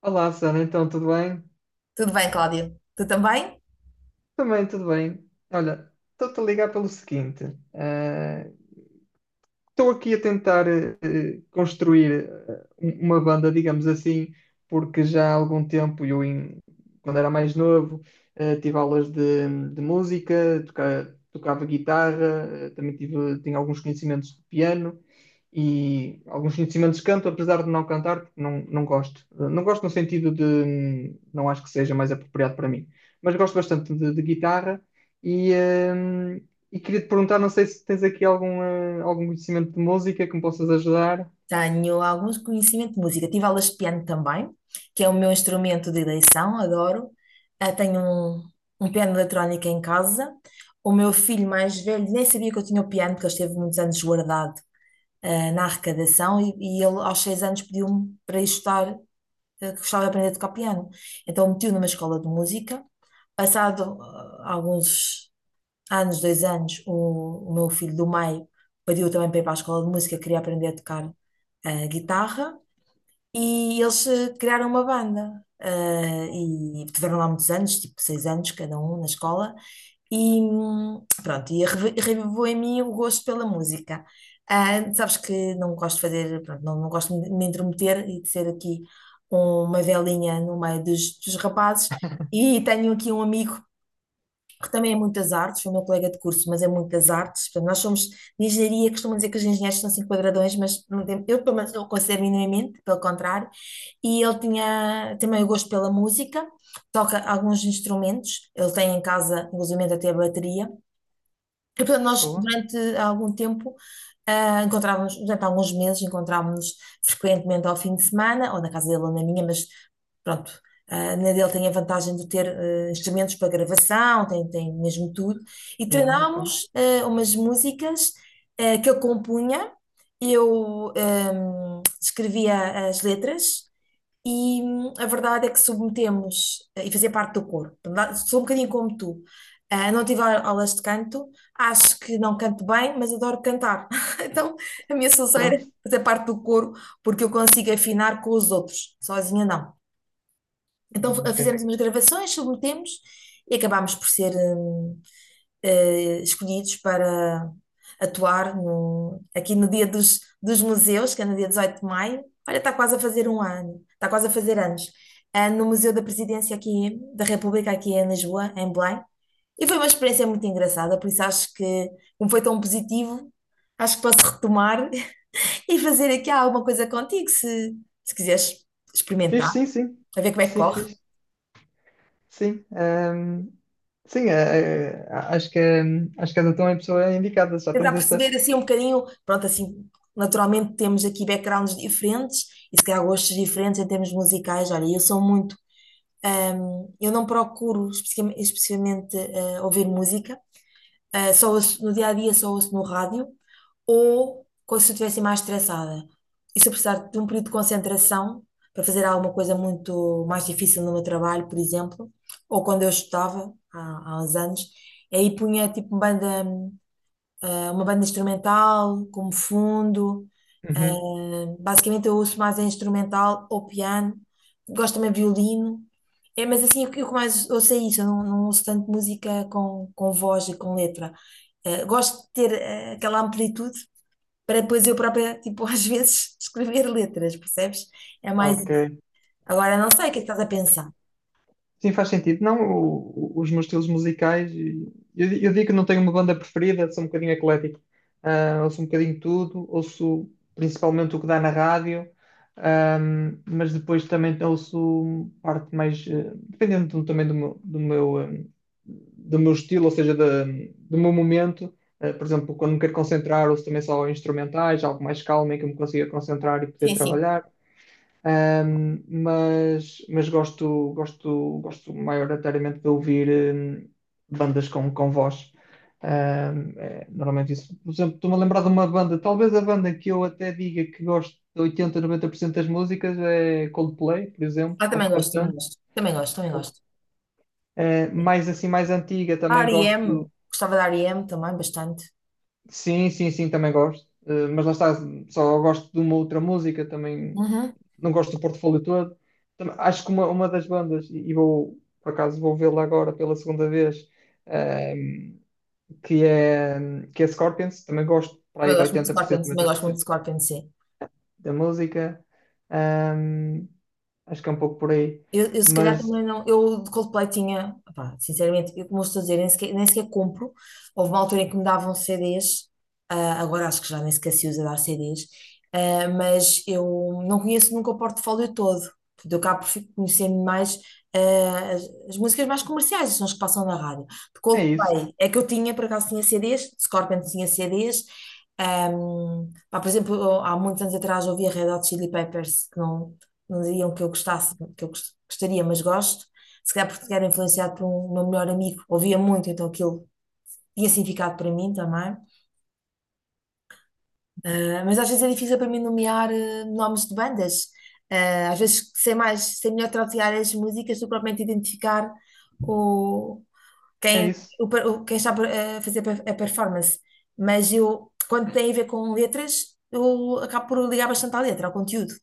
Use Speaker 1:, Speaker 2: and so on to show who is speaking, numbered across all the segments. Speaker 1: Olá, Susana, então tudo bem?
Speaker 2: Tudo bem, Cláudia? Tu também?
Speaker 1: Também tudo bem. Olha, estou-te a ligar pelo seguinte: eh, estou aqui a tentar construir uma banda, digamos assim, porque já há algum tempo, quando era mais novo, tive aulas de música, tocava guitarra, também tinha alguns conhecimentos de piano e alguns conhecimentos de canto, apesar de não cantar, porque não gosto. Não gosto no sentido de não acho que seja mais apropriado para mim, mas gosto bastante de guitarra e, hum, e queria te perguntar, não sei se tens aqui algum, algum conhecimento de música que me possas ajudar.
Speaker 2: Tenho alguns conhecimentos de música. Tive aulas de piano também, que é o meu instrumento de eleição, adoro. Tenho um piano eletrónico em casa. O meu filho mais velho nem sabia que eu tinha o piano, porque ele esteve muitos anos guardado, na arrecadação, e ele aos 6 anos pediu-me para ir estudar, que gostava de aprender a tocar piano. Então meti-o numa escola de música. Passado alguns há nos 2 anos, o meu filho do meio pediu também para ir para a escola de música, queria aprender a tocar guitarra, e eles criaram uma banda. E tiveram lá muitos anos, tipo 6 anos cada um na escola, e pronto, e revivou em mim o gosto pela música. Sabes que não gosto de fazer, pronto, não gosto de me intrometer e de ser aqui uma velinha no meio dos rapazes. E tenho aqui um amigo porque também é muitas artes, foi o meu colega de curso, mas é muitas artes. Portanto, nós somos de engenharia, costumam dizer que os engenheiros são cinco quadradões, mas não tem, eu pelo menos não o considero minimamente, pelo contrário. E ele tinha também o gosto pela música, toca alguns instrumentos, ele tem em casa, inclusive até a bateria, e, portanto, nós
Speaker 1: Boa.
Speaker 2: durante algum tempo, encontrávamos, durante alguns meses, encontrávamos frequentemente ao fim de semana, ou na casa dele ou na minha, mas pronto, na dele tem a vantagem de ter instrumentos para gravação, tem mesmo tudo, e
Speaker 1: Não, ok.
Speaker 2: treinámos umas músicas que ele compunha, eu escrevia as letras, e a verdade é que submetemos e fazia parte do coro. Portanto, sou um bocadinho como tu. Não tive aulas de canto, acho que não canto bem, mas adoro cantar. Então, a minha solução era
Speaker 1: Pronto.
Speaker 2: fazer parte do coro, porque eu consigo afinar com os outros, sozinha não. Então,
Speaker 1: Ok.
Speaker 2: fizemos umas gravações, submetemos e acabámos por ser escolhidos para atuar aqui no Dia dos Museus, que é no dia 18 de maio. Olha, está quase a fazer um ano, está quase a fazer anos. No Museu da Presidência aqui da República, aqui em Lisboa, em Belém. E foi uma experiência muito engraçada, por isso acho que, como foi tão positivo, acho que posso retomar e fazer aqui alguma coisa contigo, se quiseres
Speaker 1: Fiz,
Speaker 2: experimentar,
Speaker 1: sim, sim.
Speaker 2: a ver como é que
Speaker 1: Sim,
Speaker 2: corre.
Speaker 1: fiz. Sim. Sim, acho que, acho que és então a pessoa indicada. Já
Speaker 2: Tentar
Speaker 1: tens essa.
Speaker 2: perceber assim um bocadinho, pronto, assim, naturalmente temos aqui backgrounds diferentes e se calhar gostos diferentes em termos musicais. Olha, eu sou muito, eu não procuro especificamente, especificamente, ouvir música, só no dia a dia só ouço no rádio ou quando se eu estivesse mais estressada. E se eu precisar de um período de concentração para fazer alguma coisa muito mais difícil no meu trabalho, por exemplo, ou quando eu estudava há uns anos, aí punha tipo banda é uma banda instrumental, como fundo.
Speaker 1: Uhum.
Speaker 2: Basicamente eu ouço mais é instrumental ou piano. Gosto também de violino. É, mas assim, o que mais ouço é isso. Eu não ouço tanto música com voz e com letra. Gosto de ter aquela amplitude para depois eu própria, tipo, às vezes escrever letras, percebes? É mais
Speaker 1: Ok.
Speaker 2: isso. Agora, não sei o que é que estás a pensar.
Speaker 1: Sim, faz sentido. Não, os meus estilos musicais, eu, eu digo que não tenho uma banda preferida, sou um bocadinho eclético. Ah, ouço um bocadinho de tudo, ouço principalmente o que dá na rádio, mas depois também ouço parte mais, dependendo também do meu, do meu estilo, ou seja, do meu momento. Ah, por exemplo, quando me quero concentrar, ouço também só instrumentais, algo mais calmo em que eu me consiga concentrar e poder
Speaker 2: Sim, sim.
Speaker 1: trabalhar. Mas gosto maioritariamente de ouvir hum, bandas com voz. É, normalmente isso. Por exemplo, estou-me a lembrar de uma banda, talvez a banda que eu até diga que gosto de 80, 90% das músicas é Coldplay, por exemplo,
Speaker 2: Também
Speaker 1: gosto
Speaker 2: gosto, também
Speaker 1: bastante.
Speaker 2: gosto. Também gosto, também gosto.
Speaker 1: Eh,
Speaker 2: Sim.
Speaker 1: mais assim, mais antiga,
Speaker 2: A
Speaker 1: também
Speaker 2: R E M
Speaker 1: gosto,
Speaker 2: Gostava da REM também, bastante.
Speaker 1: sim, sim, sim, também gosto. Mas lá está, só gosto de uma outra música, também
Speaker 2: Uhum.
Speaker 1: não gosto do portfólio todo. Também acho que uma das bandas, e vou, por acaso, vou vê-la agora pela segunda vez, ehm, que é Scorpions, também gosto para aí
Speaker 2: Também
Speaker 1: de
Speaker 2: gosto muito de
Speaker 1: oitenta por
Speaker 2: Scorpion,
Speaker 1: cento
Speaker 2: também
Speaker 1: noventa por
Speaker 2: gosto muito
Speaker 1: cento
Speaker 2: de Scorpion, sim.
Speaker 1: da música. Ehm, acho que é um pouco por aí.
Speaker 2: Eu se calhar
Speaker 1: Mas
Speaker 2: também não. Eu de Coldplay tinha, pá, sinceramente, eu, como eu estou a dizer, nem sequer compro. Houve uma altura em que me davam CDs, agora acho que já nem sequer se usa dar CDs, mas eu não conheço nunca o portfólio todo. Portanto, eu cá por conhecer mais ah, as, as músicas mais comerciais, são as que passam na rádio. De
Speaker 1: é isso,
Speaker 2: Coldplay é que eu tinha, por acaso tinha CDs, de Scorpions tinha CDs. ah, Pá, por exemplo, eu, há muitos anos atrás ouvia Red Hot Chili Peppers, que não diriam que eu gostasse, que eu gostaria, mas gosto. Se calhar porque era influenciado por um meu melhor amigo, ouvia muito, então aquilo tinha significado para mim também. Mas às vezes é difícil para mim nomear nomes de bandas. Às vezes sei mais, sei melhor traduziar as músicas do que propriamente identificar o,
Speaker 1: é
Speaker 2: quem,
Speaker 1: isso.
Speaker 2: o per- o- quem está a fazer a performance. Mas eu, quando tem a ver com letras, eu acabo por ligar bastante à letra, ao conteúdo.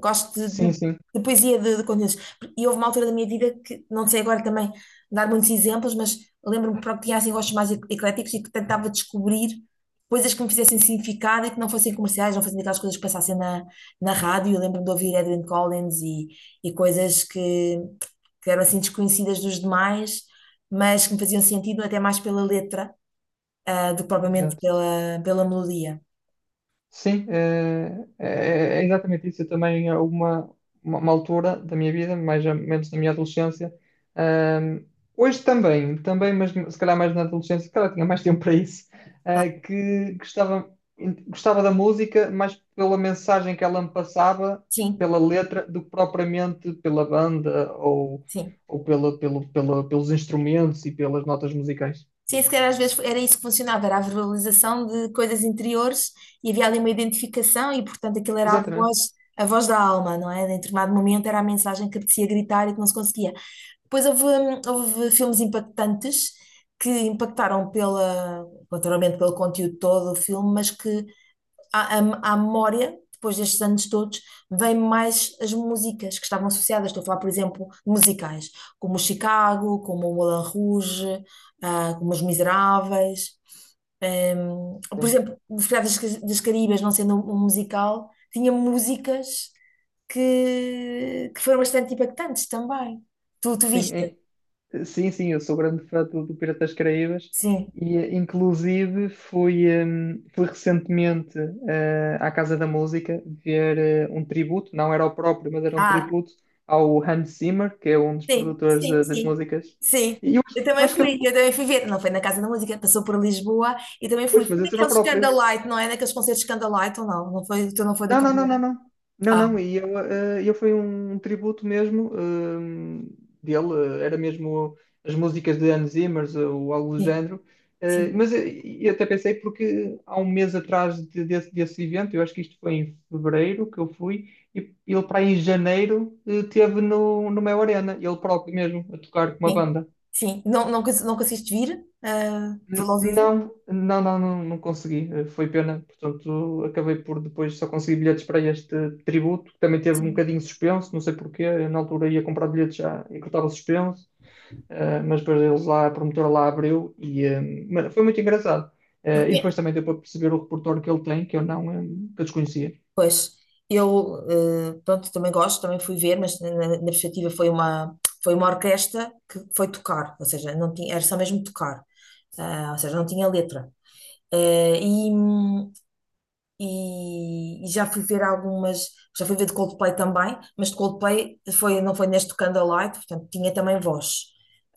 Speaker 2: Gosto de,
Speaker 1: Sim,
Speaker 2: de-
Speaker 1: sim,
Speaker 2: de poesia de conteúdos. E houve uma altura da minha vida que, não sei agora também dar muitos exemplos, mas lembro-me que pronto, tinha assim gostos mais ecléticos e que tentava descobrir coisas que me fizessem significado e que não fossem comerciais, não fossem aquelas coisas que passassem na rádio. Eu lembro-me de ouvir Edwyn Collins e coisas que eram assim desconhecidas dos demais, mas que me faziam sentido até mais pela letra, do que propriamente
Speaker 1: exato.
Speaker 2: pela melodia.
Speaker 1: Sim, é exatamente isso. Eu também, uma altura da minha vida, mais ou menos na minha adolescência, ahm, hoje também, também, mas se calhar mais na adolescência, se calhar tinha mais tempo para isso,
Speaker 2: Tá.
Speaker 1: que gostava da música mais pela mensagem que ela me passava,
Speaker 2: Sim,
Speaker 1: pela letra, do que propriamente pela banda ou,
Speaker 2: sim.
Speaker 1: pela, pelos instrumentos e pelas notas musicais.
Speaker 2: Sim, se calhar às vezes era isso que funcionava, era a verbalização de coisas interiores e havia ali uma identificação e, portanto, aquilo era
Speaker 1: Exatamente.
Speaker 2: a voz da alma, não é? Em determinado momento era a mensagem que apetecia gritar e que não se conseguia. Depois houve filmes impactantes que impactaram naturalmente pelo conteúdo todo do filme, mas que à memória, depois destes anos todos, vêm mais as músicas que estavam associadas. Estou a falar, por exemplo, de musicais, como o Chicago, como o Moulin Rouge, como Os Miseráveis. Por
Speaker 1: Sim,
Speaker 2: exemplo, Os Piratas das Caribas, não sendo um musical, tinha músicas que foram bastante impactantes também. Tu
Speaker 1: sim,
Speaker 2: viste?
Speaker 1: é- Sim, sim, eu sou grande fã do, do Piratas das Caraíbas
Speaker 2: Sim.
Speaker 1: e inclusive fui, fui recentemente à Casa da Música ver um tributo, não era o próprio, mas era um
Speaker 2: Ah,
Speaker 1: tributo ao Hans Zimmer, que é um dos
Speaker 2: Sim,
Speaker 1: produtores
Speaker 2: sim,
Speaker 1: das
Speaker 2: sim.
Speaker 1: músicas.
Speaker 2: Sim.
Speaker 1: E eu, eu acho que ele...
Speaker 2: Eu também fui ver. Não foi na Casa da Música, passou por Lisboa e também fui.
Speaker 1: Pois,
Speaker 2: Foi
Speaker 1: mas esse era o
Speaker 2: daqueles
Speaker 1: próprio.
Speaker 2: Candlelight, não é? Naqueles concertos Candlelight ou não? Não foi, tu não foi do
Speaker 1: Não, não, não, não,
Speaker 2: Candlelight?
Speaker 1: não. Não,
Speaker 2: Ah,
Speaker 1: não, e eu, eu foi um tributo mesmo dele, era mesmo as músicas de Hans Zimmer ou algo do
Speaker 2: sim,
Speaker 1: género.
Speaker 2: sim,
Speaker 1: Mas eu até pensei porque há um mês atrás desse, desse evento, eu acho que isto foi em fevereiro que eu fui, e ele para aí em janeiro teve no Mel Arena, ele próprio mesmo, a tocar com uma
Speaker 2: sim.
Speaker 1: banda.
Speaker 2: Sim. Não, não, não conseguiste vir? Vê-lo ao vivo?
Speaker 1: Não, não, não, não, não consegui. Foi pena. Portanto, acabei por depois só conseguir bilhetes para este tributo, que também teve um
Speaker 2: Sim.
Speaker 1: bocadinho suspenso, não sei porquê. Eu, na altura ia comprar bilhetes já e que estava suspenso, mas depois eles lá, a promotora lá abriu mas foi muito engraçado.
Speaker 2: Eu
Speaker 1: E depois
Speaker 2: conhe-
Speaker 1: também deu para perceber o repertório que ele tem, que eu não, eh, que eu desconhecia.
Speaker 2: Pois, eu, pronto, também gosto, também fui ver, mas na perspectiva foi uma, orquestra que foi tocar, ou seja, não tinha, era só mesmo tocar, ou seja, não tinha letra. Eh, e, e já fui ver algumas, já fui ver de Coldplay também, mas de Coldplay foi, não foi neste Candlelight, portanto tinha também voz.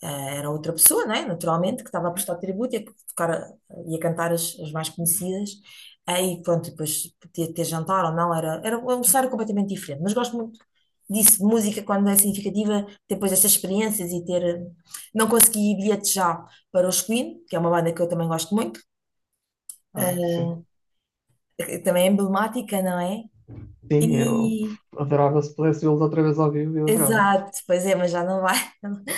Speaker 2: Era outra pessoa, né? Naturalmente, que estava a prestar tributo e a tocar, e a cantar as mais conhecidas. Aí, pronto, depois podia ter jantar ou não, era um cenário completamente diferente. Mas gosto muito disso, de música, quando é significativa, depois destas experiências e ter. Não consegui bilhete já para os Queen, que é uma banda que eu também gosto muito,
Speaker 1: Ah, sim.
Speaker 2: eh, que também é emblemática, não é?
Speaker 1: Sim, eu
Speaker 2: E,
Speaker 1: adorava se pudesse vê-los outra vez ao vivo, eu adorava.
Speaker 2: exato, pois é, mas já não vai,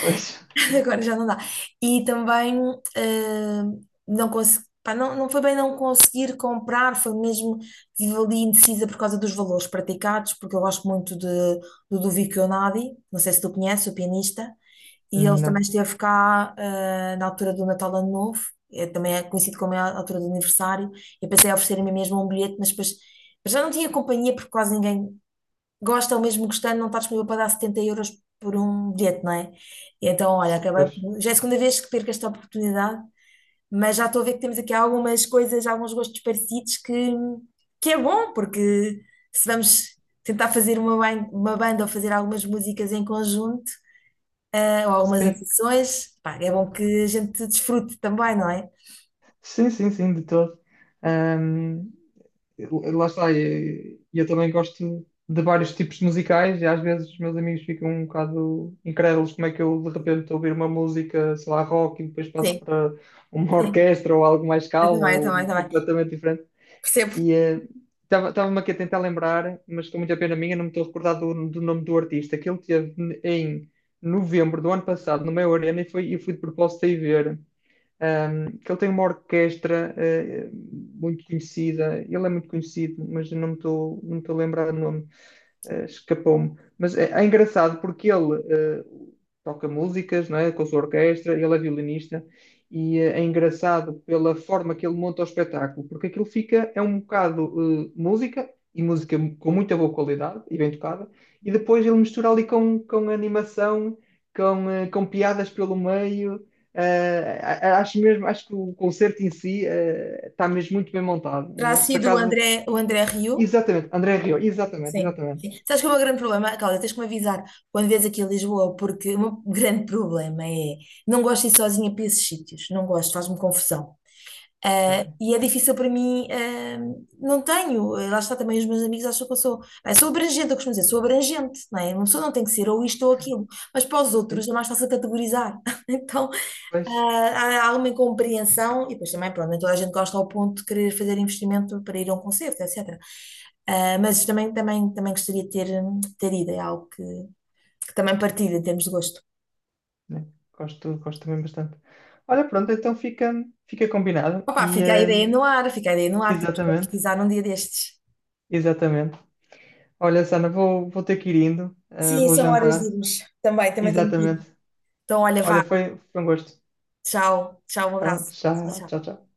Speaker 1: Pois,
Speaker 2: agora já não dá. E também eh, não consegui, pá, não foi bem não conseguir comprar, foi mesmo, estive ali indecisa por causa dos valores praticados, porque eu gosto muito do Ludovico Einaudi, não sei se tu conheces, o pianista, e ele também
Speaker 1: não.
Speaker 2: esteve cá na altura do Natal Ano Novo, também é conhecido como é a altura do aniversário, e pensei em oferecer-me mesmo um bilhete, mas depois já não tinha companhia porque quase ninguém gosta ou mesmo gostando, não está disponível para dar 70 euros por um bilhete, não é? E então, olha, acabei
Speaker 1: Pois,
Speaker 2: por... Já é a segunda vez que perco esta oportunidade, mas já estou a ver que temos aqui algumas coisas, alguns gostos parecidos que é bom, porque se vamos tentar fazer uma banda ou fazer algumas músicas em conjunto, ou algumas
Speaker 1: sim.
Speaker 2: atuações, pá, é bom que a gente desfrute também, não é?
Speaker 1: Sim, sim, sim, de todo. Ahm, lá está, e eu também gosto de vários tipos de musicais e às vezes os meus amigos ficam um bocado incrédulos como é que eu de repente estou a ouvir uma música, sei lá, rock e depois passo
Speaker 2: Sim,
Speaker 1: para uma
Speaker 2: sim,
Speaker 1: orquestra ou algo mais
Speaker 2: eu
Speaker 1: calmo
Speaker 2: também, eu também, eu
Speaker 1: ou
Speaker 2: também.
Speaker 1: completamente diferente.
Speaker 2: Percebo.
Speaker 1: E estava-me aqui a tentar lembrar, mas com muita pena minha não me estou a recordar do, do nome do artista, que ele teve em novembro do ano passado no meu Arena foi, e fui de propósito aí ver. Um, que ele tem uma orquestra muito conhecida, ele é muito conhecido, mas eu não me estou a lembrar do nome escapou-me. Mas é, é engraçado porque ele toca músicas, não é? Com a sua orquestra, ele é violinista e é engraçado pela forma que ele monta o espetáculo, porque aquilo fica, é um bocado música, e música com muita boa qualidade e bem tocada, e depois ele mistura ali com animação, com, com piadas pelo meio. Acho mesmo, acho que o concerto em si está mesmo muito bem montado.
Speaker 2: Terá
Speaker 1: Por
Speaker 2: sido
Speaker 1: acaso,
Speaker 2: O André Rieu.
Speaker 1: exatamente, André Rio, exatamente,
Speaker 2: Sim,
Speaker 1: exatamente.
Speaker 2: sim. Sabes que o meu grande problema, Cláudia, tens que me avisar quando vês aqui a Lisboa, porque o meu grande problema é não gosto de ir sozinha para esses sítios, não gosto, faz-me confusão. E é difícil para mim, não tenho, lá está também os meus amigos acham que eu sou abrangente, eu costumo dizer, sou abrangente, não é? Uma pessoa não tem que ser ou isto ou aquilo, mas para os outros
Speaker 1: Sim,
Speaker 2: é mais fácil categorizar. Então,
Speaker 1: pois,
Speaker 2: há alguma incompreensão, e depois também, pronto, nem toda a gente gosta ao ponto de querer fazer investimento para ir a um concerto, etc. Mas também, também, também gostaria de ter ido, é algo que também partilho em termos de gosto.
Speaker 1: né? Gosto, gosto também bastante. Olha, pronto, então fica combinado.
Speaker 2: Opa, fica a ideia no ar, fica a ideia no ar, temos que
Speaker 1: Exatamente,
Speaker 2: concretizar num dia destes.
Speaker 1: exatamente. Olha, Sana, vou ter que ir indo,
Speaker 2: Sim,
Speaker 1: vou
Speaker 2: são horas de
Speaker 1: jantar.
Speaker 2: irmos. Também tenho que ir.
Speaker 1: Exatamente.
Speaker 2: Então, olha,
Speaker 1: Olha,
Speaker 2: vá,
Speaker 1: foi um gosto.
Speaker 2: tchau, tchau, um
Speaker 1: Então,
Speaker 2: abraço. Tchau,
Speaker 1: tchau,
Speaker 2: tchau.
Speaker 1: tchau, tchau.